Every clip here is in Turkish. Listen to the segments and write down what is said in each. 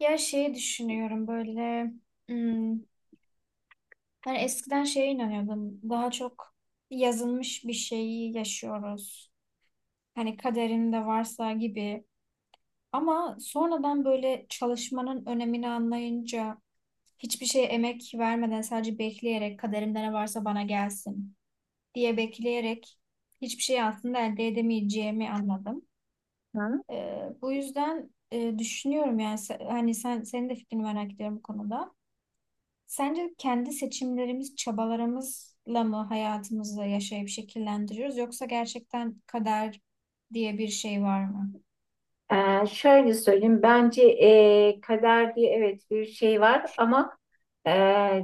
Ya şeyi düşünüyorum böyle, hmm, hani eskiden şeye inanıyordum daha çok, yazılmış bir şeyi yaşıyoruz. Hani kaderinde varsa gibi, ama sonradan böyle çalışmanın önemini anlayınca hiçbir şeye emek vermeden sadece bekleyerek kaderimde ne varsa bana gelsin diye bekleyerek hiçbir şey aslında elde edemeyeceğimi anladım. Hı? Bu yüzden düşünüyorum yani hani senin de fikrini merak ediyorum bu konuda. Sence kendi seçimlerimiz, çabalarımızla mı hayatımızı yaşayıp şekillendiriyoruz yoksa gerçekten kader diye bir şey var mı? Şöyle söyleyeyim, bence kader diye evet bir şey var ama e,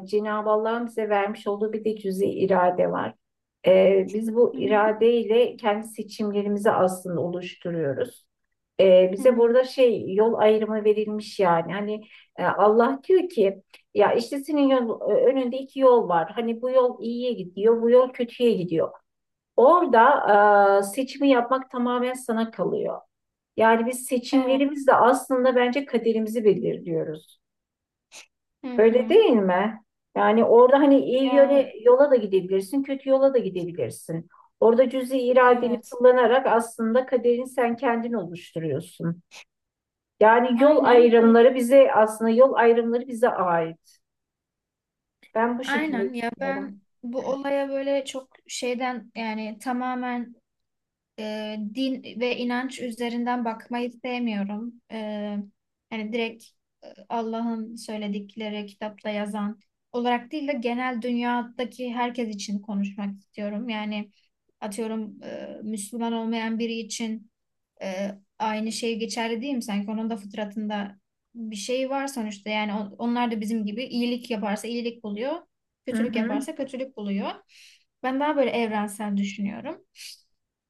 Cenab-ı Allah'ın bize vermiş olduğu bir de cüzi irade var. Biz bu Hı hı. iradeyle kendi seçimlerimizi aslında oluşturuyoruz. Hı Bize hı. burada şey yol ayrımı verilmiş yani. Hani Allah diyor ki ya işte senin yol, önünde iki yol var. Hani bu yol iyiye gidiyor, bu yol kötüye gidiyor. Orada seçimi yapmak tamamen sana kalıyor. Yani biz Evet. seçimlerimizle aslında bence kaderimizi belirliyoruz. Hı Öyle hı. değil mi? Yani orada hani iyi Ya, yöne, yola da gidebilirsin, kötü yola da gidebilirsin. Orada cüzi iradeni evet. kullanarak aslında kaderini sen kendin oluşturuyorsun. Yani Aynen. Yol ayrımları bize ait. Ben bu şekilde Aynen ya, ben düşünüyorum. bu olaya böyle çok şeyden, yani tamamen din ve inanç üzerinden bakmayı sevmiyorum. Yani direkt Allah'ın söyledikleri kitapta yazan olarak değil de genel dünyadaki herkes için konuşmak istiyorum. Yani atıyorum Müslüman olmayan biri için e, aynı şey geçerli değil mi? Sanki onun da fıtratında bir şey var sonuçta. Yani onlar da bizim gibi iyilik yaparsa iyilik buluyor, Hı kötülük hı. yaparsa kötülük buluyor. Ben daha böyle evrensel düşünüyorum.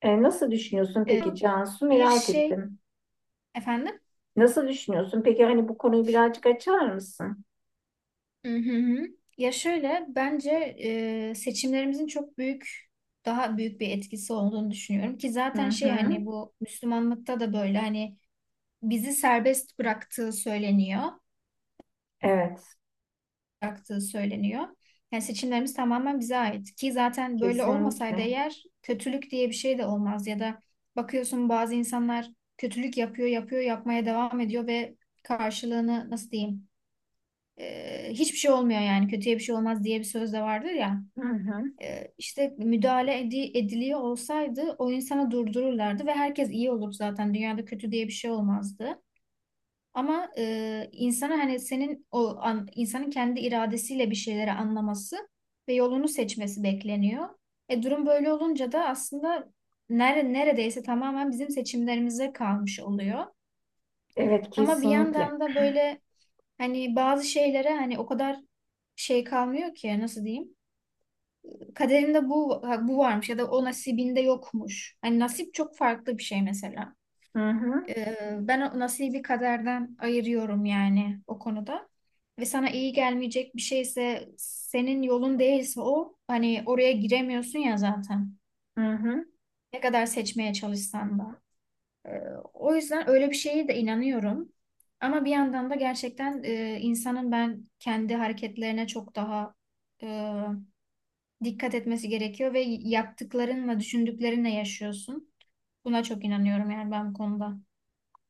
Nasıl düşünüyorsun E, peki Cansu? Bir Merak şey ettim. efendim. Nasıl düşünüyorsun? Peki hani bu konuyu birazcık açar mısın? Hı hı hı. Ya şöyle bence seçimlerimizin çok büyük, daha büyük bir etkisi olduğunu düşünüyorum ki Hı zaten şey hı. hani bu Müslümanlıkta da böyle, hani bizi serbest bıraktığı söyleniyor, Evet. bıraktığı söyleniyor. Yani seçimlerimiz tamamen bize ait ki zaten böyle olmasaydı Kesinlikle. eğer kötülük diye bir şey de olmaz, ya da bakıyorsun bazı insanlar kötülük yapıyor, yapıyor, yapmaya devam ediyor ve karşılığını nasıl diyeyim? Hiçbir şey olmuyor, yani kötüye bir şey olmaz diye bir söz de vardır ya. Hı hı. İşte müdahale ediliyor olsaydı o insana durdururlardı ve herkes iyi olur, zaten dünyada kötü diye bir şey olmazdı. Ama insana hani senin o an, insanın kendi iradesiyle bir şeyleri anlaması ve yolunu seçmesi bekleniyor. Durum böyle olunca da aslında neredeyse tamamen bizim seçimlerimize kalmış oluyor. Evet, Ama bir kesinlikle. yandan da böyle, hani bazı şeylere hani o kadar şey kalmıyor ki nasıl diyeyim? Kaderinde bu varmış ya da o nasibinde yokmuş. Hani nasip çok farklı bir şey mesela. Hı hı. Ben o nasibi kaderden ayırıyorum yani o konuda. Ve sana iyi gelmeyecek bir şeyse, senin yolun değilse o hani oraya giremiyorsun ya zaten. Hı hı. Ne kadar seçmeye çalışsan da. Ee, O yüzden öyle bir şeye de inanıyorum. Ama bir yandan da gerçekten insanın ben kendi hareketlerine çok daha e, dikkat etmesi gerekiyor ve yaptıklarınla, düşündüklerinle yaşıyorsun. Buna çok inanıyorum yani ben bu konuda.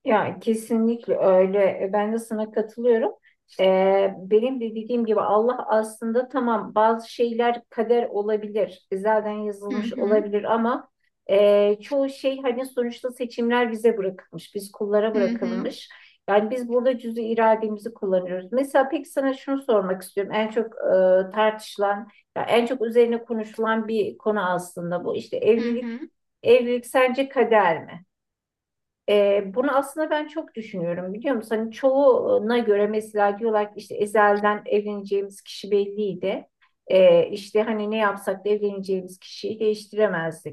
Ya kesinlikle öyle. Ben de sana katılıyorum. Benim de dediğim gibi Allah aslında tamam bazı şeyler kader olabilir. Zaten Hı yazılmış hı, olabilir ama çoğu şey hani sonuçta seçimler bize bırakılmış. Biz kullara hı hı, bırakılmış. Yani biz burada cüz'i irademizi kullanıyoruz. Mesela peki sana şunu sormak istiyorum. En çok tartışılan, ya en çok üzerine konuşulan bir konu aslında bu. İşte hı evlilik, hı, evlilik sence kader mi? Bunu aslında ben çok düşünüyorum biliyor musun? Hani çoğuna göre mesela diyorlar ki işte ezelden evleneceğimiz kişi belliydi. İşte hani ne yapsak da evleneceğimiz kişiyi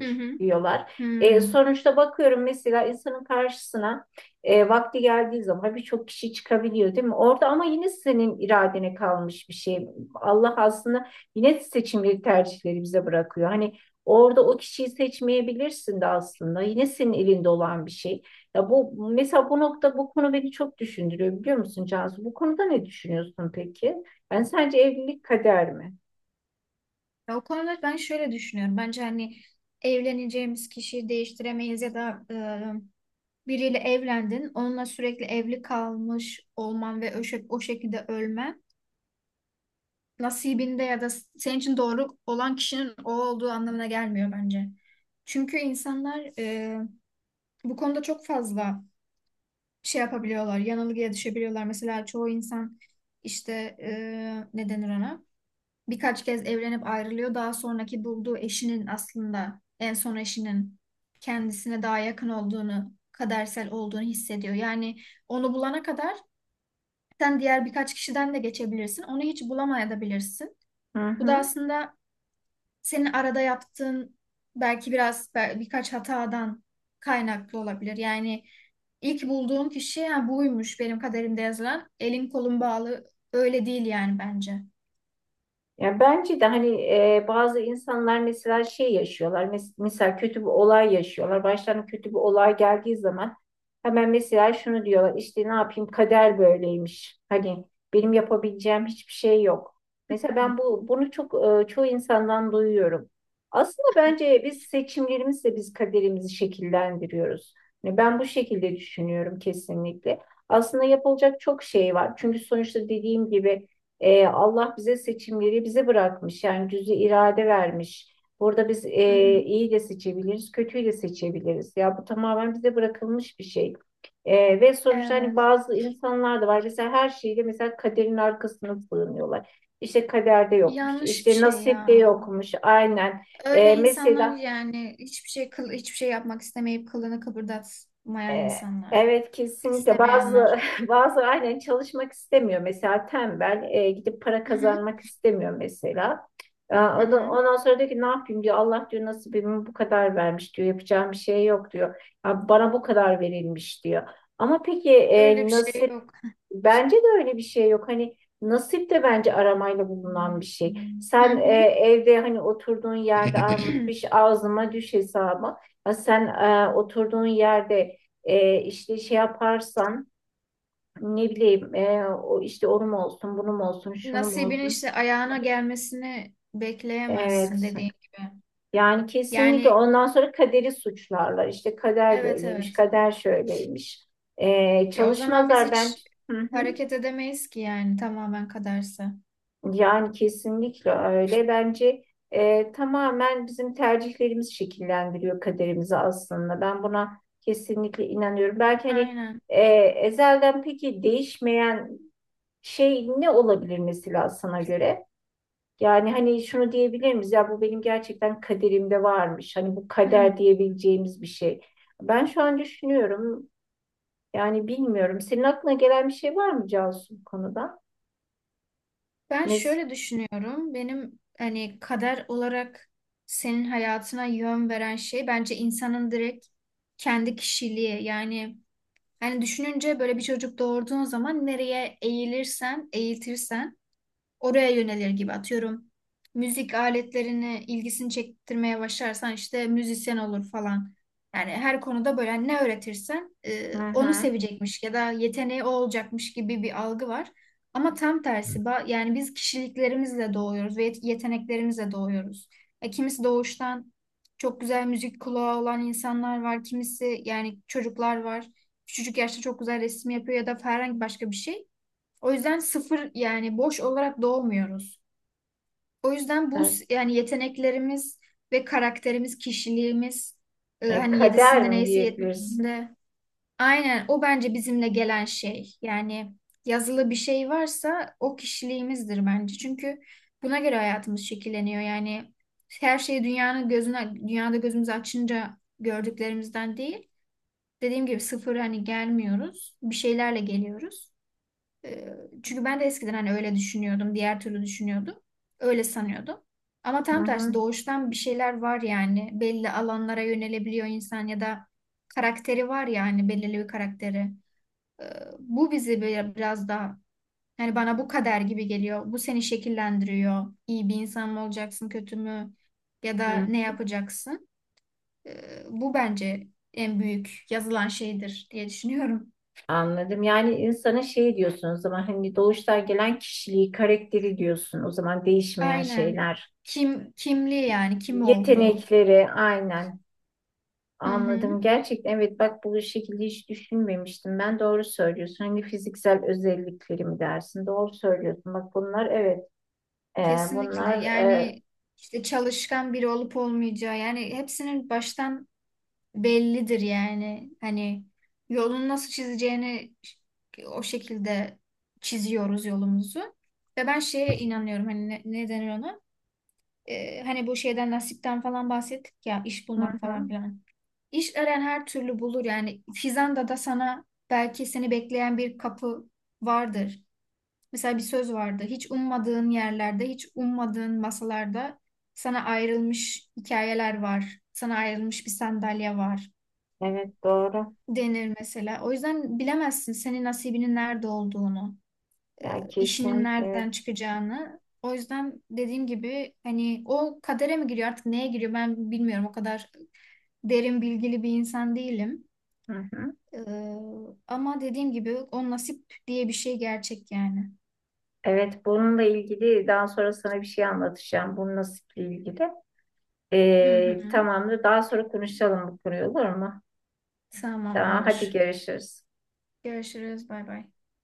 hı hı. diyorlar. Hmm. Sonuçta bakıyorum mesela insanın karşısına vakti geldiği zaman birçok kişi çıkabiliyor değil mi? Orada ama yine senin iradene kalmış bir şey. Allah aslında yine seçimleri tercihleri bize bırakıyor. Hani orada o kişiyi seçmeyebilirsin de aslında. Yine senin elinde olan bir şey. Ya bu mesela bu nokta bu konu beni çok düşündürüyor biliyor musun Cansu? Bu konuda ne düşünüyorsun peki? Ben sence evlilik kader mi? Ya, o konuda ben şöyle düşünüyorum. Bence hani evleneceğimiz kişiyi değiştiremeyiz ya da biriyle evlendin, onunla sürekli evli kalmış olman ve o şekilde ölmen nasibinde ya da senin için doğru olan kişinin o olduğu anlamına gelmiyor bence. Çünkü insanlar bu konuda çok fazla şey yapabiliyorlar, yanılgıya düşebiliyorlar. Mesela çoğu insan işte ne denir ona? Birkaç kez evlenip ayrılıyor. Daha sonraki bulduğu eşinin, aslında en son eşinin kendisine daha yakın olduğunu, kadersel olduğunu hissediyor. Yani onu bulana kadar sen diğer birkaç kişiden de geçebilirsin. Onu hiç bulamayabilirsin. Hı Bu da hı. aslında senin arada yaptığın belki biraz birkaç hatadan kaynaklı olabilir. Yani ilk bulduğun kişi ha, buymuş benim kaderimde yazılan. Elin kolun bağlı öyle değil yani bence. Ya bence de hani bazı insanlar mesela şey yaşıyorlar. Mesela kötü bir olay yaşıyorlar. Başlarına kötü bir olay geldiği zaman hemen mesela şunu diyorlar. İşte ne yapayım kader böyleymiş. Hani benim yapabileceğim hiçbir şey yok. Mesela ben bunu çok çoğu insandan duyuyorum. Aslında bence biz seçimlerimizle kaderimizi şekillendiriyoruz. Yani ben bu şekilde düşünüyorum kesinlikle. Aslında yapılacak çok şey var. Çünkü sonuçta dediğim gibi Allah bize seçimleri bırakmış. Yani cüzi irade vermiş. Burada biz Hı hı. İyi de seçebiliriz, kötüyü de seçebiliriz. Ya bu tamamen bize bırakılmış bir şey. Ve sonuçta hani Evet. bazı insanlar da var. Mesela her şeyde mesela kaderin arkasına sığınıyorlar. İşte kaderde yokmuş, Yanlış bir işte şey nasipte ya. yokmuş. Aynen. Öyle E, insanlar, mesela yani hiçbir şey hiçbir şey yapmak istemeyip kılını kıpırdatmayan E, insanlar. Evet kesinlikle bazı İstemeyenler. bazı aynen çalışmak istemiyor mesela tembel gidip para Hı hı. kazanmak istemiyor mesela. Hı hı. Ondan sonra diyor ki ne yapayım diyor Allah diyor nasibimi bu kadar vermiş diyor yapacağım bir şey yok diyor. Ya bana bu kadar verilmiş diyor. Ama peki Öyle bir şey yok. bence de öyle bir şey yok. Hani nasip de bence aramayla bulunan bir şey. Hı Sen hı. evde hani oturduğun yerde armut piş ağzıma düş hesabı. Ya sen oturduğun yerde işte şey yaparsan ne bileyim o işte onun olsun, bunun olsun, şunun Nasibinin olsun. işte ayağına gelmesini bekleyemezsin, Evet. dediğin gibi. Yani kesinlikle Yani, ondan sonra kaderi suçlarlar. İşte kader evet, böyleymiş, evet. kader şöyleymiş. Ya, o zaman biz Çalışmazlar ben. hiç Hı hı. hareket edemeyiz ki yani tamamen kaderse. Yani kesinlikle öyle. Bence tamamen bizim tercihlerimiz şekillendiriyor kaderimizi aslında. Ben buna kesinlikle inanıyorum. Belki hani Aynen. Ezelden peki değişmeyen şey ne olabilir mesela sana göre? Yani hani şunu diyebilir miyiz? Ya bu benim gerçekten kaderimde varmış. Hani bu Hmm. kader diyebileceğimiz bir şey. Ben şu an düşünüyorum. Yani bilmiyorum. Senin aklına gelen bir şey var mı Cansu bu konuda? Ben Mes. şöyle düşünüyorum. Benim hani kader olarak senin hayatına yön veren şey bence insanın direkt kendi kişiliği. Yani hani düşününce böyle bir çocuk doğurduğun zaman nereye eğilirsen, eğitirsen oraya yönelir gibi, atıyorum. Müzik aletlerini ilgisini çektirmeye başlarsan işte müzisyen olur falan. Yani her konuda böyle, hani ne öğretirsen Hı onu hı. sevecekmiş ya da yeteneği o olacakmış gibi bir algı var. Ama tam tersi yani biz kişiliklerimizle doğuyoruz ve yeteneklerimizle doğuyoruz. Kimisi doğuştan çok güzel müzik kulağı olan insanlar var. Kimisi yani çocuklar var. Küçücük yaşta çok güzel resim yapıyor ya da herhangi başka bir şey. O yüzden sıfır, yani boş olarak doğmuyoruz. O yüzden bu Evet. Yani yeteneklerimiz ve karakterimiz, kişiliğimiz hani Kader yedisinde mi neyse diyebiliriz? yedisinde, aynen o bence bizimle gelen şey. Yani yazılı bir şey varsa o kişiliğimizdir bence. Çünkü buna göre hayatımız şekilleniyor. Yani her şeyi dünyanın gözüne, dünyada gözümüzü açınca gördüklerimizden değil. Dediğim gibi sıfır hani gelmiyoruz. Bir şeylerle geliyoruz. Ee, Çünkü ben de eskiden hani öyle düşünüyordum, diğer türlü düşünüyordum. Öyle sanıyordum. Ama Hı tam tersi hı. doğuştan bir şeyler var yani. Belli alanlara yönelebiliyor insan ya da karakteri var yani, belirli bir karakteri. Ee, Bu bizi biraz daha, yani bana bu kader gibi geliyor. Bu seni şekillendiriyor. İyi bir insan mı olacaksın, kötü mü, ya da Hı, ne yapacaksın? Bu bence en büyük yazılan şeydir diye düşünüyorum. anladım. Yani insana şey diyorsun o zaman hani doğuştan gelen kişiliği, karakteri diyorsun. O zaman değişmeyen Aynen. şeyler. Kim kimliği yani kim oldu? Yetenekleri aynen. Hı hı. Anladım. Gerçekten evet bak bu şekilde hiç düşünmemiştim. Ben doğru söylüyorsun. Hani fiziksel özellikleri dersin? Doğru söylüyorsun. Bak bunlar evet. E, Kesinlikle. bunlar e, Yani işte çalışkan biri olup olmayacağı, yani hepsinin baştan bellidir yani. Hani yolunu nasıl çizeceğini o şekilde çiziyoruz yolumuzu. Ve ben şeye inanıyorum hani ne denir ona? Hani bu şeyden nasipten falan bahsettik ya, iş hı bulmak falan hı. filan. İş arayan her türlü bulur yani. Fizan'da da sana belki seni bekleyen bir kapı vardır. Mesela bir söz vardı. Hiç ummadığın yerlerde, hiç ummadığın masalarda sana ayrılmış hikayeler var. Sana ayrılmış bir sandalye var, Evet doğru. denir mesela. O yüzden bilemezsin senin nasibinin nerede olduğunu, Ya işinin kesin evet. nereden çıkacağını. O yüzden dediğim gibi hani o kadere mi giriyor artık neye giriyor ben bilmiyorum. O kadar derin bilgili bir insan değilim. Hı hı. E, Ama dediğim gibi o nasip diye bir şey gerçek yani. Evet, bununla ilgili daha sonra sana bir şey anlatacağım. Bunun nasiple ilgili. Hı hı. Tamamdır. Daha sonra konuşalım bu konuyu olur mu? Tamam, Tamam, hadi olur. görüşürüz. Görüşürüz. Bay bay.